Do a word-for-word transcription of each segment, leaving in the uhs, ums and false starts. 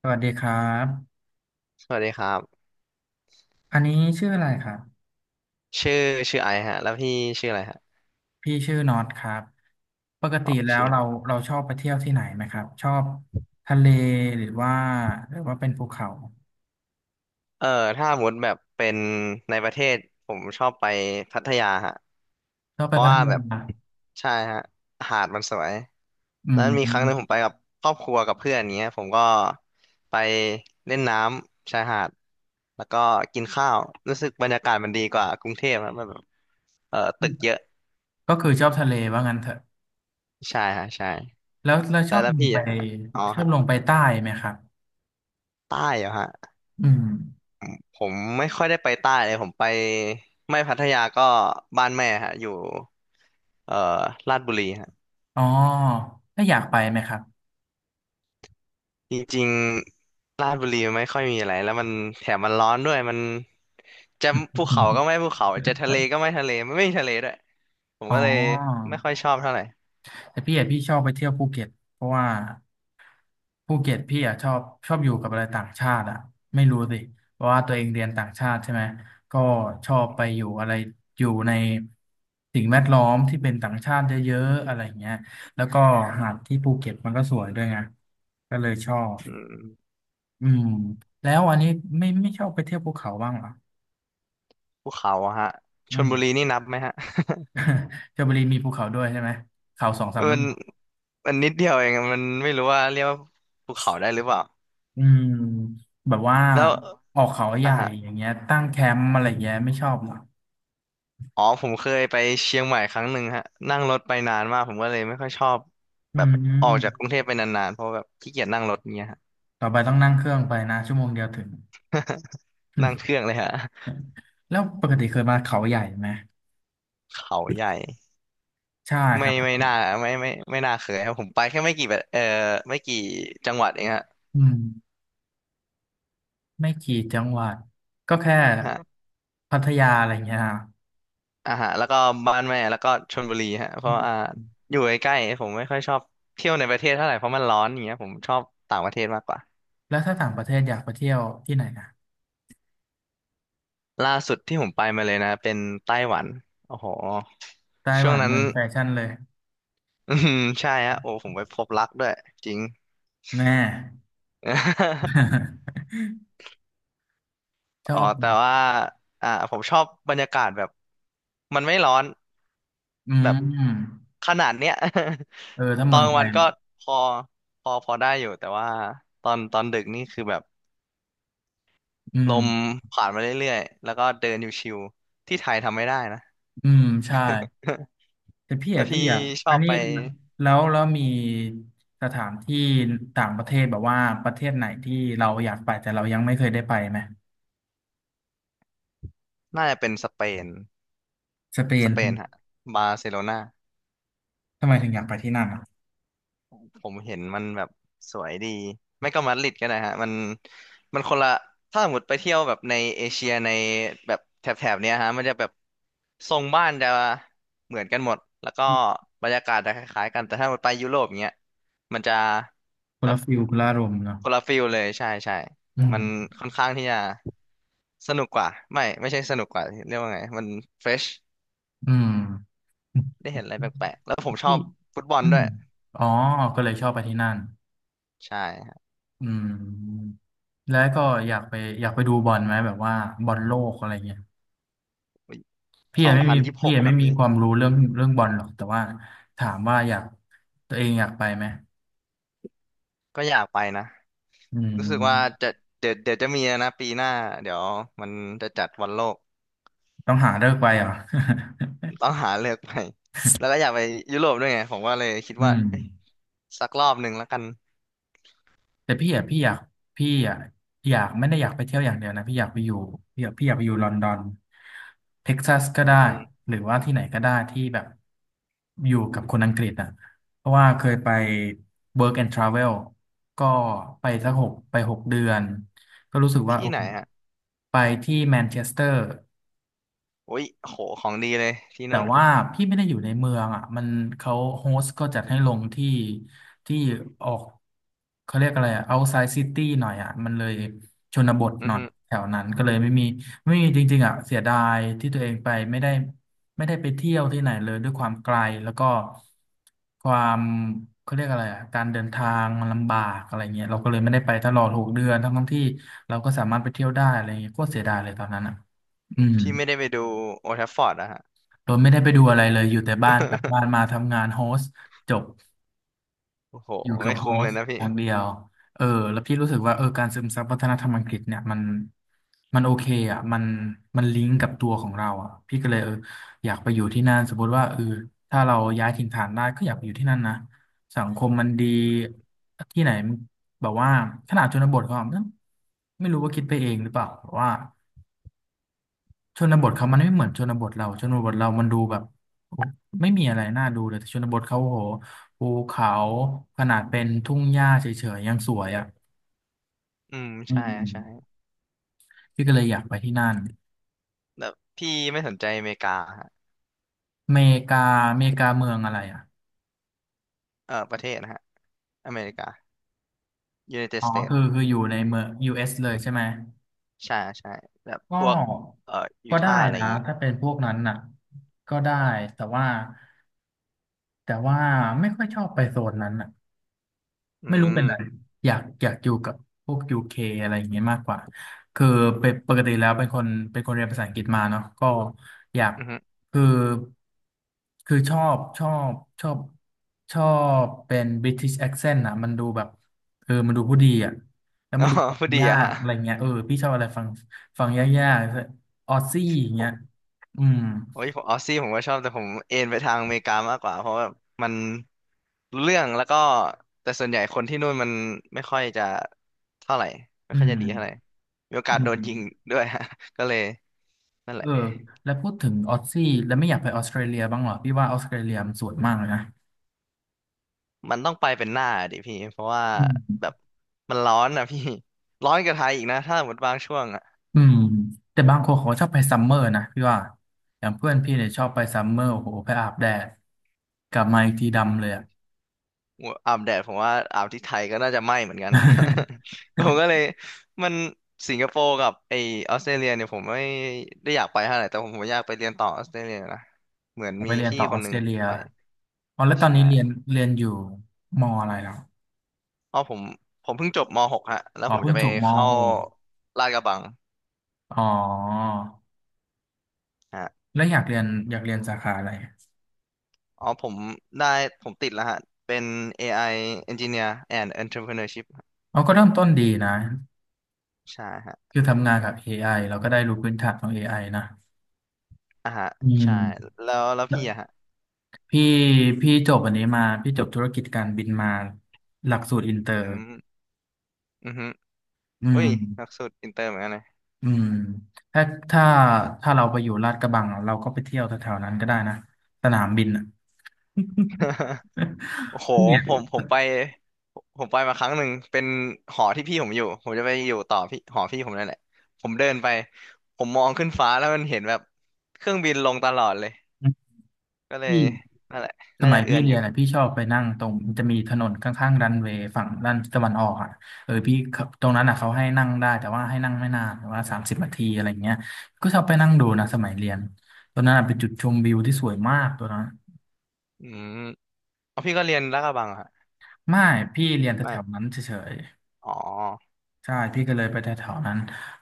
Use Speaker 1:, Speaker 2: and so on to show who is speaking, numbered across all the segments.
Speaker 1: สวัสดีครับ
Speaker 2: สวัสดีครับ
Speaker 1: อันนี้ชื่ออะไรครับ
Speaker 2: ชื่อชื่อไอซ์ฮะแล้วพี่ชื่ออะไรฮะ
Speaker 1: พี่ชื่อน็อตครับปก
Speaker 2: อ๋
Speaker 1: ติ
Speaker 2: อ
Speaker 1: แล้ว
Speaker 2: ชื่อน็
Speaker 1: เรา
Speaker 2: อต
Speaker 1: เราชอบไปเที่ยวที่ไหนไหมครับชอบทะเลหรือว่าหรือว่าเป็นภูเขา
Speaker 2: เอ่อถ้าสมมติแบบเป็นในประเทศผมชอบไปพัทยาฮะ
Speaker 1: ชอบ
Speaker 2: เพ
Speaker 1: ไป
Speaker 2: ราะ
Speaker 1: พัท
Speaker 2: ว่า
Speaker 1: ยา
Speaker 2: แบบใช่ฮะหาดมันสวย
Speaker 1: อื
Speaker 2: แล้วมีครั้งหนึ่งผ
Speaker 1: ม
Speaker 2: มไปกับครอบครัวกับเพื่อนอย่างเงี้ยผมก็ไปเล่นน้ำชายหาดแล้วก็กินข้าวรู้สึกบรรยากาศมันดีกว่ากรุงเทพนะมันแบบเออตึกเยอะ
Speaker 1: ก็คือชอบทะเลว่างั้นเถอะ
Speaker 2: ใช่ฮะใช่
Speaker 1: แล้วแล้วช
Speaker 2: แล้
Speaker 1: อ
Speaker 2: ว
Speaker 1: บ
Speaker 2: แล้ว
Speaker 1: ลง
Speaker 2: พี่
Speaker 1: ไป
Speaker 2: อะฮะอ๋อ
Speaker 1: ชอบ
Speaker 2: ฮะ
Speaker 1: ลงไปใต้ไหมครับ
Speaker 2: ใต้เหรอฮะ
Speaker 1: อืม
Speaker 2: ผมไม่ค่อยได้ไปใต้เลยผมไปไม่พัทยาก็บ้านแม่ฮะอยู่เอ่อลาดบุรีฮะ
Speaker 1: อ๋อถ้าอยากไปไหมครับ
Speaker 2: จริงๆลาดบุรีมันไม่ค่อยมีอะไรแล้วมันแถมมันร้อนด้วยมันจะภูเขาก็ไม่ ภูเขาจะทะเลก็ไม่ทะเลมันไม่มีทะเลด้วยผม
Speaker 1: อ๋อ
Speaker 2: ก็เลยไม่ค่อยชอบเท่าไหร่
Speaker 1: แต่พี่อะพี่ชอบไปเที่ยวภูเก็ตเพราะว่า ภูเก็ตพี่อ่ะชอบชอบอยู่กับอะไรต่างชาติอ่ะไม่รู้สิเพราะว่าตัวเองเรียนต่างชาติใช่ไหมก็ชอบไปอยู่อะไรอยู่ในสิ่งแวดล้อมที่เป็นต่างชาติเยอะๆอะไรอย่างเงี้ยแล้วก็หาดที่ภูเก็ตมันก็สวยด้วยไงก็เลยชอบ
Speaker 2: อืม
Speaker 1: อืมแล้วอันนี้ไม่ไม่ชอบไปเที่ยวภูเขาบ้างเหรอ
Speaker 2: ภูเขาอะฮะช
Speaker 1: อื
Speaker 2: ล
Speaker 1: ม
Speaker 2: บุรีนี่นับไหมฮะ
Speaker 1: ชลบุรีมีภูเขาด้วยใช่ไหมเขาสองสาม ลู
Speaker 2: มัน
Speaker 1: ก
Speaker 2: มันนิดเดียวเองอะมันไม่รู้ว่าเรียกว่าภูเขาได้หรือเปล่า
Speaker 1: อืมแบบว่า
Speaker 2: แล้ว
Speaker 1: ออกเขาให
Speaker 2: อ่า
Speaker 1: ญ่อย่างเงี้ยตั้งแคมป์อะไรอย่างเงี้ยไม่ชอบเหรอ
Speaker 2: อ๋อผมเคยไปเชียงใหม่ครั้งหนึ่งฮะนั่งรถไปนานมากผมก็เลยไม่ค่อยชอบ
Speaker 1: อื
Speaker 2: แบบออกจากก
Speaker 1: ม
Speaker 2: รุงเทพไปนานๆเพราะแบบขี้เกียจนั่งรถเนี้ยฮะ
Speaker 1: ต่อไปต้องนั่งเครื่องไปนะชั่วโมงเดียวถึง
Speaker 2: นั่งเครื่อง เลยฮะ
Speaker 1: แล้วปกติเคยมาเขาใหญ่ไหม
Speaker 2: เขาใหญ่
Speaker 1: ใช่ค
Speaker 2: ไม่
Speaker 1: รั
Speaker 2: ไม่
Speaker 1: บ
Speaker 2: น่าไม่ไม่ไม่น่าเคยครับผมไปแค่ไม่กี่แบบเออไม่กี่จังหวัดเองฮะ
Speaker 1: อืมไม่กี่จังหวัดก็แค่
Speaker 2: ฮะ
Speaker 1: พัทยาอะไรอย่างเงี้ยฮะ
Speaker 2: อ่าฮะแล้วก็บ้านแม่แล้วก็ชลบุรีฮะเพ
Speaker 1: อื
Speaker 2: ราะอ่า
Speaker 1: ม
Speaker 2: อยู่ใกล้ๆผมไม่ค่อยชอบเที่ยวในประเทศเท่าไหร่เพราะมันร้อนอย่างเงี้ยผมชอบต่างประเทศมากกว่า
Speaker 1: แล้วถ้าต่างประเทศอยากไปเที่ยวที่ไหนนะ
Speaker 2: ล่าสุดที่ผมไปมาเลยนะเป็นไต้หวันโอ้โห
Speaker 1: ไต้ห
Speaker 2: ช่ว
Speaker 1: วั
Speaker 2: ง
Speaker 1: น
Speaker 2: นั้น
Speaker 1: เมืองแฟชั่นเลย
Speaker 2: อืมใช่ฮะโอ้ผมไปพบรักด้วยจริง
Speaker 1: แน่ ช อ
Speaker 2: อ๋อ
Speaker 1: บ
Speaker 2: แต่ว่าอ่าผมชอบบรรยากาศแบบมันไม่ร้อน
Speaker 1: อื
Speaker 2: แบบ
Speaker 1: ม
Speaker 2: ขนาดเนี้ย
Speaker 1: เออถ้า
Speaker 2: ตอ
Speaker 1: เมื
Speaker 2: น
Speaker 1: อง
Speaker 2: กลาง
Speaker 1: ไท
Speaker 2: วั
Speaker 1: ย
Speaker 2: นก็พอพอพอได้อยู่แต่ว่าตอนตอนดึกนี่คือแบบ
Speaker 1: อื
Speaker 2: ล
Speaker 1: ม
Speaker 2: มผ่านมาเรื่อยๆแล้วก็เดินอยู่ชิวที่ไทยทำไม่ได้นะ
Speaker 1: อืมใช่ แต่พี่
Speaker 2: แล้ว
Speaker 1: อะพี่
Speaker 2: พี่
Speaker 1: อยาก
Speaker 2: ชอ
Speaker 1: อัน
Speaker 2: บ
Speaker 1: นี้
Speaker 2: ไป
Speaker 1: แล้วแล้วมีสถานที่ต่างประเทศแบบว่าประเทศไหนที่เราอยากไปแต่เรายังไม่เคยได้ไปไหม
Speaker 2: น่าจะเป็นสเปน
Speaker 1: สเป
Speaker 2: ส
Speaker 1: น
Speaker 2: เปนฮะบาร์เซโลนา
Speaker 1: ทำไมถึงอยากไปที่นั่นอ่ะ
Speaker 2: ผมเห็นมันแบบสวยดีไม่ก็มาดริดก็ได้ฮะมันมันคนละถ้าสมมติไปเที่ยวแบบในเอเชียในแบบแถบๆเนี้ยฮะมันจะแบบทรงบ้านจะเหมือนกันหมดแล้วก็บรรยากาศจะคล้ายๆกันแต่ถ้ามันไปยุโรปเนี้ยมันจะ
Speaker 1: คน
Speaker 2: แบบ
Speaker 1: ละฟิลคนละอารมณ์เนาะ
Speaker 2: คนละฟิลเลยใช่ใช่
Speaker 1: อื
Speaker 2: มัน
Speaker 1: ม
Speaker 2: ค่อนข้างที่จะสนุกกว่าไม่ไม่ใช่สนุกกว่าเรียกว่าไงมันเฟรช
Speaker 1: อืม
Speaker 2: ได้เห็นอะไรแปลกๆแล้วผม ชอ
Speaker 1: ที่
Speaker 2: บฟุตบอล
Speaker 1: อื
Speaker 2: ด้ว
Speaker 1: ม
Speaker 2: ย
Speaker 1: อ๋อก็เลยชอบไปที่นั่น
Speaker 2: ใช่ฮะ
Speaker 1: อืมแล้วก็อยากไปอยากไปดูบอลไหมแบบว่าบอลโลกอะไรเงี้ยพี่
Speaker 2: ส
Speaker 1: ยั
Speaker 2: อ
Speaker 1: ง
Speaker 2: ง
Speaker 1: ไม่
Speaker 2: พั
Speaker 1: มี
Speaker 2: นยี่สิบห
Speaker 1: พี่
Speaker 2: ก
Speaker 1: ยังไม่
Speaker 2: นะ
Speaker 1: มี
Speaker 2: พี่
Speaker 1: ความรู้เรื่องเรื่องบอลหรอกแต่ว่าถามว่าอยากตัวเองอยากไปไหม
Speaker 2: ก็อยากไปนะ
Speaker 1: อื
Speaker 2: รู้สึกว่า
Speaker 1: ม
Speaker 2: จะเดี๋ยวเดี๋ยวจะมีนะปีหน้าเดี๋ยวมันจะจัดวันโลก
Speaker 1: ต้องหาเลิกไปเหรอ
Speaker 2: ต้องหาเลือกไปแล้วก็อยากไปยุโรปด้วยไงผมก็เลยคิด
Speaker 1: อื
Speaker 2: ว่า
Speaker 1: ม
Speaker 2: เอ้ยสักรอบหนึ่งแล้วกัน
Speaker 1: แต่พี่อ่ะพี่อยากพี่อ่ะอยากไม่ได้อยากไปเที่ยวอย่างเดียวนะพี่อยากไปอยู่พี่อยากพี่อยากไปอยู่ลอนดอนเท็กซัสก็
Speaker 2: อื
Speaker 1: ได้
Speaker 2: ม
Speaker 1: หรือว่าที่ไหนก็ได้ที่แบบอยู่กับคนอังกฤษอ่ะเพราะว่าเคยไป work and travel ก็ไปสักหกไปหกเดือนก็รู้สึก
Speaker 2: ๆ
Speaker 1: ว่า
Speaker 2: ที่
Speaker 1: โอ
Speaker 2: ไห
Speaker 1: เค
Speaker 2: นฮะ
Speaker 1: ไปที่แมนเชสเตอร์
Speaker 2: โอ้ยโหของดีเลยที่
Speaker 1: แต่
Speaker 2: นู่น
Speaker 1: ว่าพี่ไม่ได้อยู่ในเมืองอ่ะมันเขาโฮสต์ก็จัดให้ลงที่ที่ออกเขาเรียกอะไรอ่ะ outside city หน่อยอ่ะมันเลยชนบท
Speaker 2: อื
Speaker 1: ห
Speaker 2: อ
Speaker 1: น่อย
Speaker 2: ฮึ
Speaker 1: แถวนั้นก็เลยไม่มีไม่มีจริงๆอ่ะเสียดายที่ตัวเองไปไม่ได้ไม่ได้ไปเที่ยวที่ไหนเลยด้วยความไกลแล้วก็ความเขาเรียกอะไรอ่ะการเดินทางมันลำบากอะไรเงี้ยเราก็เลยไม่ได้ไปตลอดหกเดือนทั้งๆที่เราก็สามารถไปเที่ยวได้อะไรเงี้ยก็เสียดายเลยตอนนั้นอ่ะอืม
Speaker 2: พี่ไม่ได้ไปดูโอลด์แทฟฟอร์ดอะฮะ
Speaker 1: โดยไม่ได้ไปดูอะไรเลย อยู่แต่บ้านกลับบ้านมา ทำงานโฮสต์จบ
Speaker 2: โอ้โห
Speaker 1: อยู่กับ
Speaker 2: ไม่
Speaker 1: โฮ
Speaker 2: คุ้มเล
Speaker 1: ส
Speaker 2: ย
Speaker 1: ต์
Speaker 2: นะพี่
Speaker 1: อย่างเดียวเออแล้วพี่รู้สึกว่าเออการซึมซับวัฒนธรรมอังกฤษเนี่ยมันมันโอเคอ่ะมันมันลิงก์กับตัวของเราอ่ะพี่ก็เลยเอออยากไปอยู่ที่นั่นสมมติว่าเออถ้าเราย้ายถิ่นฐานได้ก็อยากไปอยู่ที่นั่นนะสังคมมันดี
Speaker 2: อืม
Speaker 1: ที่ไหนแบบว่าขนาดชนบทก็ไม่รู้ว่าคิดไปเองหรือเปล่าแต่ว่า ชนบทเขามันไม่เหมือนชนบทเราชนบทเรามันดูแบบโอ้ไม่มีอะไรน่าดูเลยแต่ชนบทเขาโอ้โหภูเขาขนาดเป็นทุ่งหญ้าเฉยๆยังสวยอ่ะ
Speaker 2: อืม
Speaker 1: อื
Speaker 2: ใช่ใช่
Speaker 1: มพี่ก็เลยอยากไปที่นั่น
Speaker 2: แบบพี่ไม่สนใจอเมริกาฮะ
Speaker 1: เมกาเมกาเมืองอะไรอ่ะ
Speaker 2: เออประเทศนะฮะอเมริกา United
Speaker 1: อ๋อคือ
Speaker 2: States
Speaker 1: คืออยู่ในเมือง ยู เอส เอสเลยใช่ไหม
Speaker 2: ใช่ใช่แบบ
Speaker 1: ก็
Speaker 2: พวกเอ่อยู
Speaker 1: ก็ได้
Speaker 2: ทาห์อะไรอ
Speaker 1: นะ
Speaker 2: ย่างงี้
Speaker 1: ถ้าเป็นพวกนั้นน่ะก็ได้แต่ว่าแต่ว่าไม่ค่อยชอบไปโซนนั้นน่ะ
Speaker 2: อื
Speaker 1: ไม่รู้เป็น
Speaker 2: ม
Speaker 1: ไรอยากอยากอยู่กับพวกยูเคอะไรอย่างเงี้ยมากกว่าคือเป็นปกติแล้วเป็นคนเป็นคนเรียนภาษาอังกฤษมาเนาะก็อยาก
Speaker 2: อือฮึ
Speaker 1: คือคือชอบชอบชอบชอบเป็น British accent นะมันดูแบบเออมันดูผู้ดีอ่ะแล้ว
Speaker 2: อ๋
Speaker 1: มั
Speaker 2: อ
Speaker 1: นดูฟั
Speaker 2: พ
Speaker 1: ง
Speaker 2: อดี
Speaker 1: ยา
Speaker 2: อะ
Speaker 1: ก
Speaker 2: ฮะ
Speaker 1: อะไรเงี้ยเออพี่ชอบอะไรฟังฟังยากๆออสซี่อย่าง
Speaker 2: ผ
Speaker 1: เงี้ย
Speaker 2: ม
Speaker 1: อืม
Speaker 2: โอ้ยผมออสซี่ผมก็ชอบแต่ผมเอนไปทางอเมริกามากกว่าเพราะว่ามันรู้เรื่องแล้วก็แต่ส่วนใหญ่คนที่นู่นมันไม่ค่อยจะเท่าไหร่ไม่
Speaker 1: อื
Speaker 2: ค่อยจะ
Speaker 1: ม
Speaker 2: ดีเท่าไหร่มีโอกาส
Speaker 1: อื
Speaker 2: โดนยิง
Speaker 1: ม
Speaker 2: ด้วยฮะ ก็เลยนั่นแห
Speaker 1: เออ
Speaker 2: ละ
Speaker 1: แล้วพูดถึงออสซี่แล้วไม่อยากไปออสเตรเลียบ้างเหรอพี่ว่าออสเตรเลียมันสวยมากเลยนะ
Speaker 2: มันต้องไปเป็นหน้าดิพี่เพราะว่า
Speaker 1: อืม
Speaker 2: แบบมันร้อนนะพี่ร้อนกว่าไทยอีกนะถ้าหมดบางช่วง
Speaker 1: อืมแต่บางคนเขาชอบไปซัมเมอร์นะพี่ว่าอย่างเพื่อนพี่เนี่ยชอบไปซัมเมอร์โอ้โหไปอาบแดดกลับมาอีกทีดำเลยอะ
Speaker 2: อาบแดดผมว่าอาบที่ไทยก็น่าจะไหม้เหมือนกันนะ ผมก็เลย มันสิงคโปร์กับไอออสเตรเลียเนี่ยผมไม่ได้อยากไปเท่าไหร่แต่ผมผมอยากไปเรียนต่อออสเตรเลียนะเหมือน
Speaker 1: อยาก
Speaker 2: มี
Speaker 1: ไปเรียน
Speaker 2: พี่
Speaker 1: ต่อ
Speaker 2: ค
Speaker 1: ออ
Speaker 2: นห
Speaker 1: ส
Speaker 2: นึ่
Speaker 1: เต
Speaker 2: ง
Speaker 1: รเลีย
Speaker 2: ไป
Speaker 1: อ๋อแล้วตอน
Speaker 2: ใช่
Speaker 1: นี้เรียนเรียนอยู่มออะไรแล้ว
Speaker 2: อ๋อผมผมเพิ่งจบม .หก ฮะแล้ว
Speaker 1: อ๋อ
Speaker 2: ผม
Speaker 1: เพิ่
Speaker 2: จะ
Speaker 1: ง
Speaker 2: ไป
Speaker 1: จบม
Speaker 2: เข้า
Speaker 1: หก
Speaker 2: ลาดกระบัง
Speaker 1: อ๋อ
Speaker 2: ฮะ
Speaker 1: แล้วอยากเรียนอยากเรียนสาขาอะไร
Speaker 2: อ๋อผมได้ผมติดแล้วฮะเป็น เอ ไอ Engineer and Entrepreneurship ฮะ
Speaker 1: อราก็เริ่มต้นดีนะ
Speaker 2: ใช่ฮะ
Speaker 1: คือทำงานกับ เอ ไอ เราก็ได้รู้พื้นฐานของเอไอนะ
Speaker 2: อ่ะฮะ
Speaker 1: อื
Speaker 2: ใช่
Speaker 1: ม
Speaker 2: แล้วแล้วพี่อะฮะ
Speaker 1: พี่พี่จบอันนี้มาพี่จบธุรกิจการบินมาหลักสูตรอินเตอ
Speaker 2: อื
Speaker 1: ร์
Speaker 2: มอือฮึ
Speaker 1: อื
Speaker 2: อุ้ยหลัก
Speaker 1: ม
Speaker 2: สูตรอินเตอร์เหมือนกันนะ
Speaker 1: อืมถ้าถ้าถ้าเราไปอยู่ลาดกระบังอะเราก็ไปเที่ยวแถวๆนั้นก็ได้นะสนามบินอ่ะ
Speaker 2: โอ้โห
Speaker 1: พี่เนี่ย
Speaker 2: ผมผมไป ผมไปมาครั้งหนึ่ง เป็นหอที่พี่ผมอยู่ ผมจะไปอยู่ต่อพี่หอพี่ผมนั่นแหละ ผมเดินไป ผมมองขึ้นฟ้าแล้วมันเห็นแบบเครื่องบินลงตลอดเลย ก็เล
Speaker 1: พี่
Speaker 2: ยนั่นแหละ
Speaker 1: ส
Speaker 2: น่า
Speaker 1: มั
Speaker 2: จะ
Speaker 1: ย
Speaker 2: เอื
Speaker 1: พี่
Speaker 2: อนอ
Speaker 1: เรี
Speaker 2: ยู่
Speaker 1: ยนอ่ะพี่ชอบไปนั่งตรงมันจะมีถนนข้างๆรันเวย์ฝั่งด้านตะวันออกอ่ะเออพี่เขาตรงนั้นอ่ะเขาให้นั่งได้แต่ว่าให้นั่งไม่นานแต่ว่าสามสิบนาทีอะไรเงี้ยก็ชอบไปนั่งดูนะสมัยเรียนตอนนั้นอ่ะเป็นจุดชมวิวที่สวยมากตัวนั้น
Speaker 2: อืมเอาพี่ก็เรียนลาดกระบังเหรอฮะ
Speaker 1: ไม่พี่เรียนแถ
Speaker 2: ไม่
Speaker 1: วๆนั้นเฉย
Speaker 2: อ๋อ
Speaker 1: ๆใช่พี่ก็เลยไปแถวๆนั้น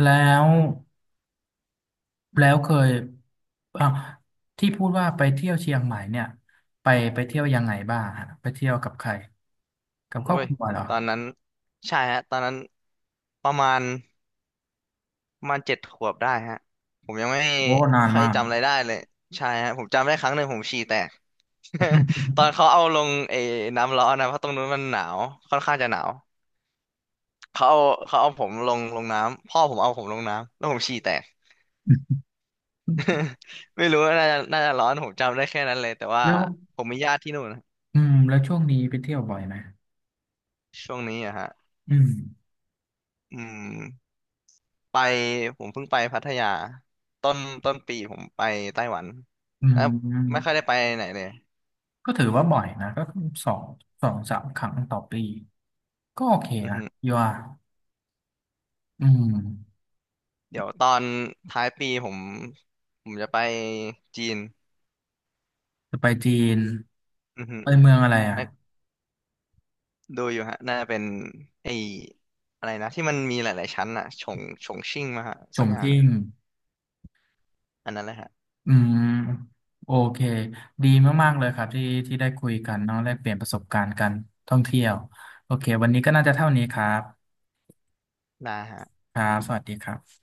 Speaker 1: แล้วแล้วเคยอ่ะที่พูดว่าไปเที่ยวเชียงใหม่เนี่ยไปไปเที่ยวยังไงบ้างฮะไปเที่ยวกับใครกับครอบ
Speaker 2: เว้ย
Speaker 1: ครัวเหรอ
Speaker 2: ตอนนั้นใช่ฮะตอนนั้นประมาณ ประมาณเจ็ดขวบได้ฮะผมยังไม่
Speaker 1: โอ้นาน
Speaker 2: ค่อย
Speaker 1: มาก
Speaker 2: จำอะไรได้เลยใช่ฮะผมจำได้ครั้งหนึ่งผมฉี่แตก ตอน เขาเอาลงไอ้น้ำร้อนนะเพราะตรงนู้นมันหนาวค่อนข้างจะหนาวเขาเอาเขาเอาผมลงลงน้ำพ่อผมเอาผมลงน้ำแล้วผมฉี่แตก ไม่รู้ว่าน่าจะน่าจะร้อนผมจำได้แค่นั้นเลยแต่ว่า
Speaker 1: แล้ว
Speaker 2: ผมมีญาติที่นู่นนะ
Speaker 1: อืมแล้วช่วงนี้ไปเที่ยวบ่อยไหม
Speaker 2: ช่วงนี้อะฮะ
Speaker 1: อืม
Speaker 2: อืมไปผมเพิ่งไปพัทยาต้นต้นปีผมไปไต้หวัน
Speaker 1: อืม
Speaker 2: แล้ว
Speaker 1: อืม
Speaker 2: ไม่ค่อยได้ไปไหนเลย
Speaker 1: ก็ถือว่าบ่อยนะก็สองสองสามครั้งต่อปีก็โอเค
Speaker 2: อือ
Speaker 1: นะ
Speaker 2: ฮึ
Speaker 1: ยว่าอืม
Speaker 2: เดี๋ยวตอนท้ายปีผมผมจะไปจีน
Speaker 1: จะไปจีน
Speaker 2: อือฮึ
Speaker 1: ไปเมืองอะไรอ่ะ
Speaker 2: ไม่ดูอยู่ฮะน่าจะเป็นไอ้อะไรนะที่มันมีหลายๆชั้นอะฉงฉงชิ่งมาฮะ
Speaker 1: ฉ
Speaker 2: สัก
Speaker 1: ง
Speaker 2: อย่างห
Speaker 1: ชิ่
Speaker 2: นึ่ง
Speaker 1: ง
Speaker 2: อันนั้นแหละฮะ
Speaker 1: อืมโอเคดีมากๆเลยครับที่ที่ได้คุยกันเนาะแลกเปลี่ยนประสบการณ์กันท่องเที่ยวโอเควันนี้ก็น่าจะเท่านี้ครับ
Speaker 2: ได้ฮะ
Speaker 1: ครับสวัสดีครับ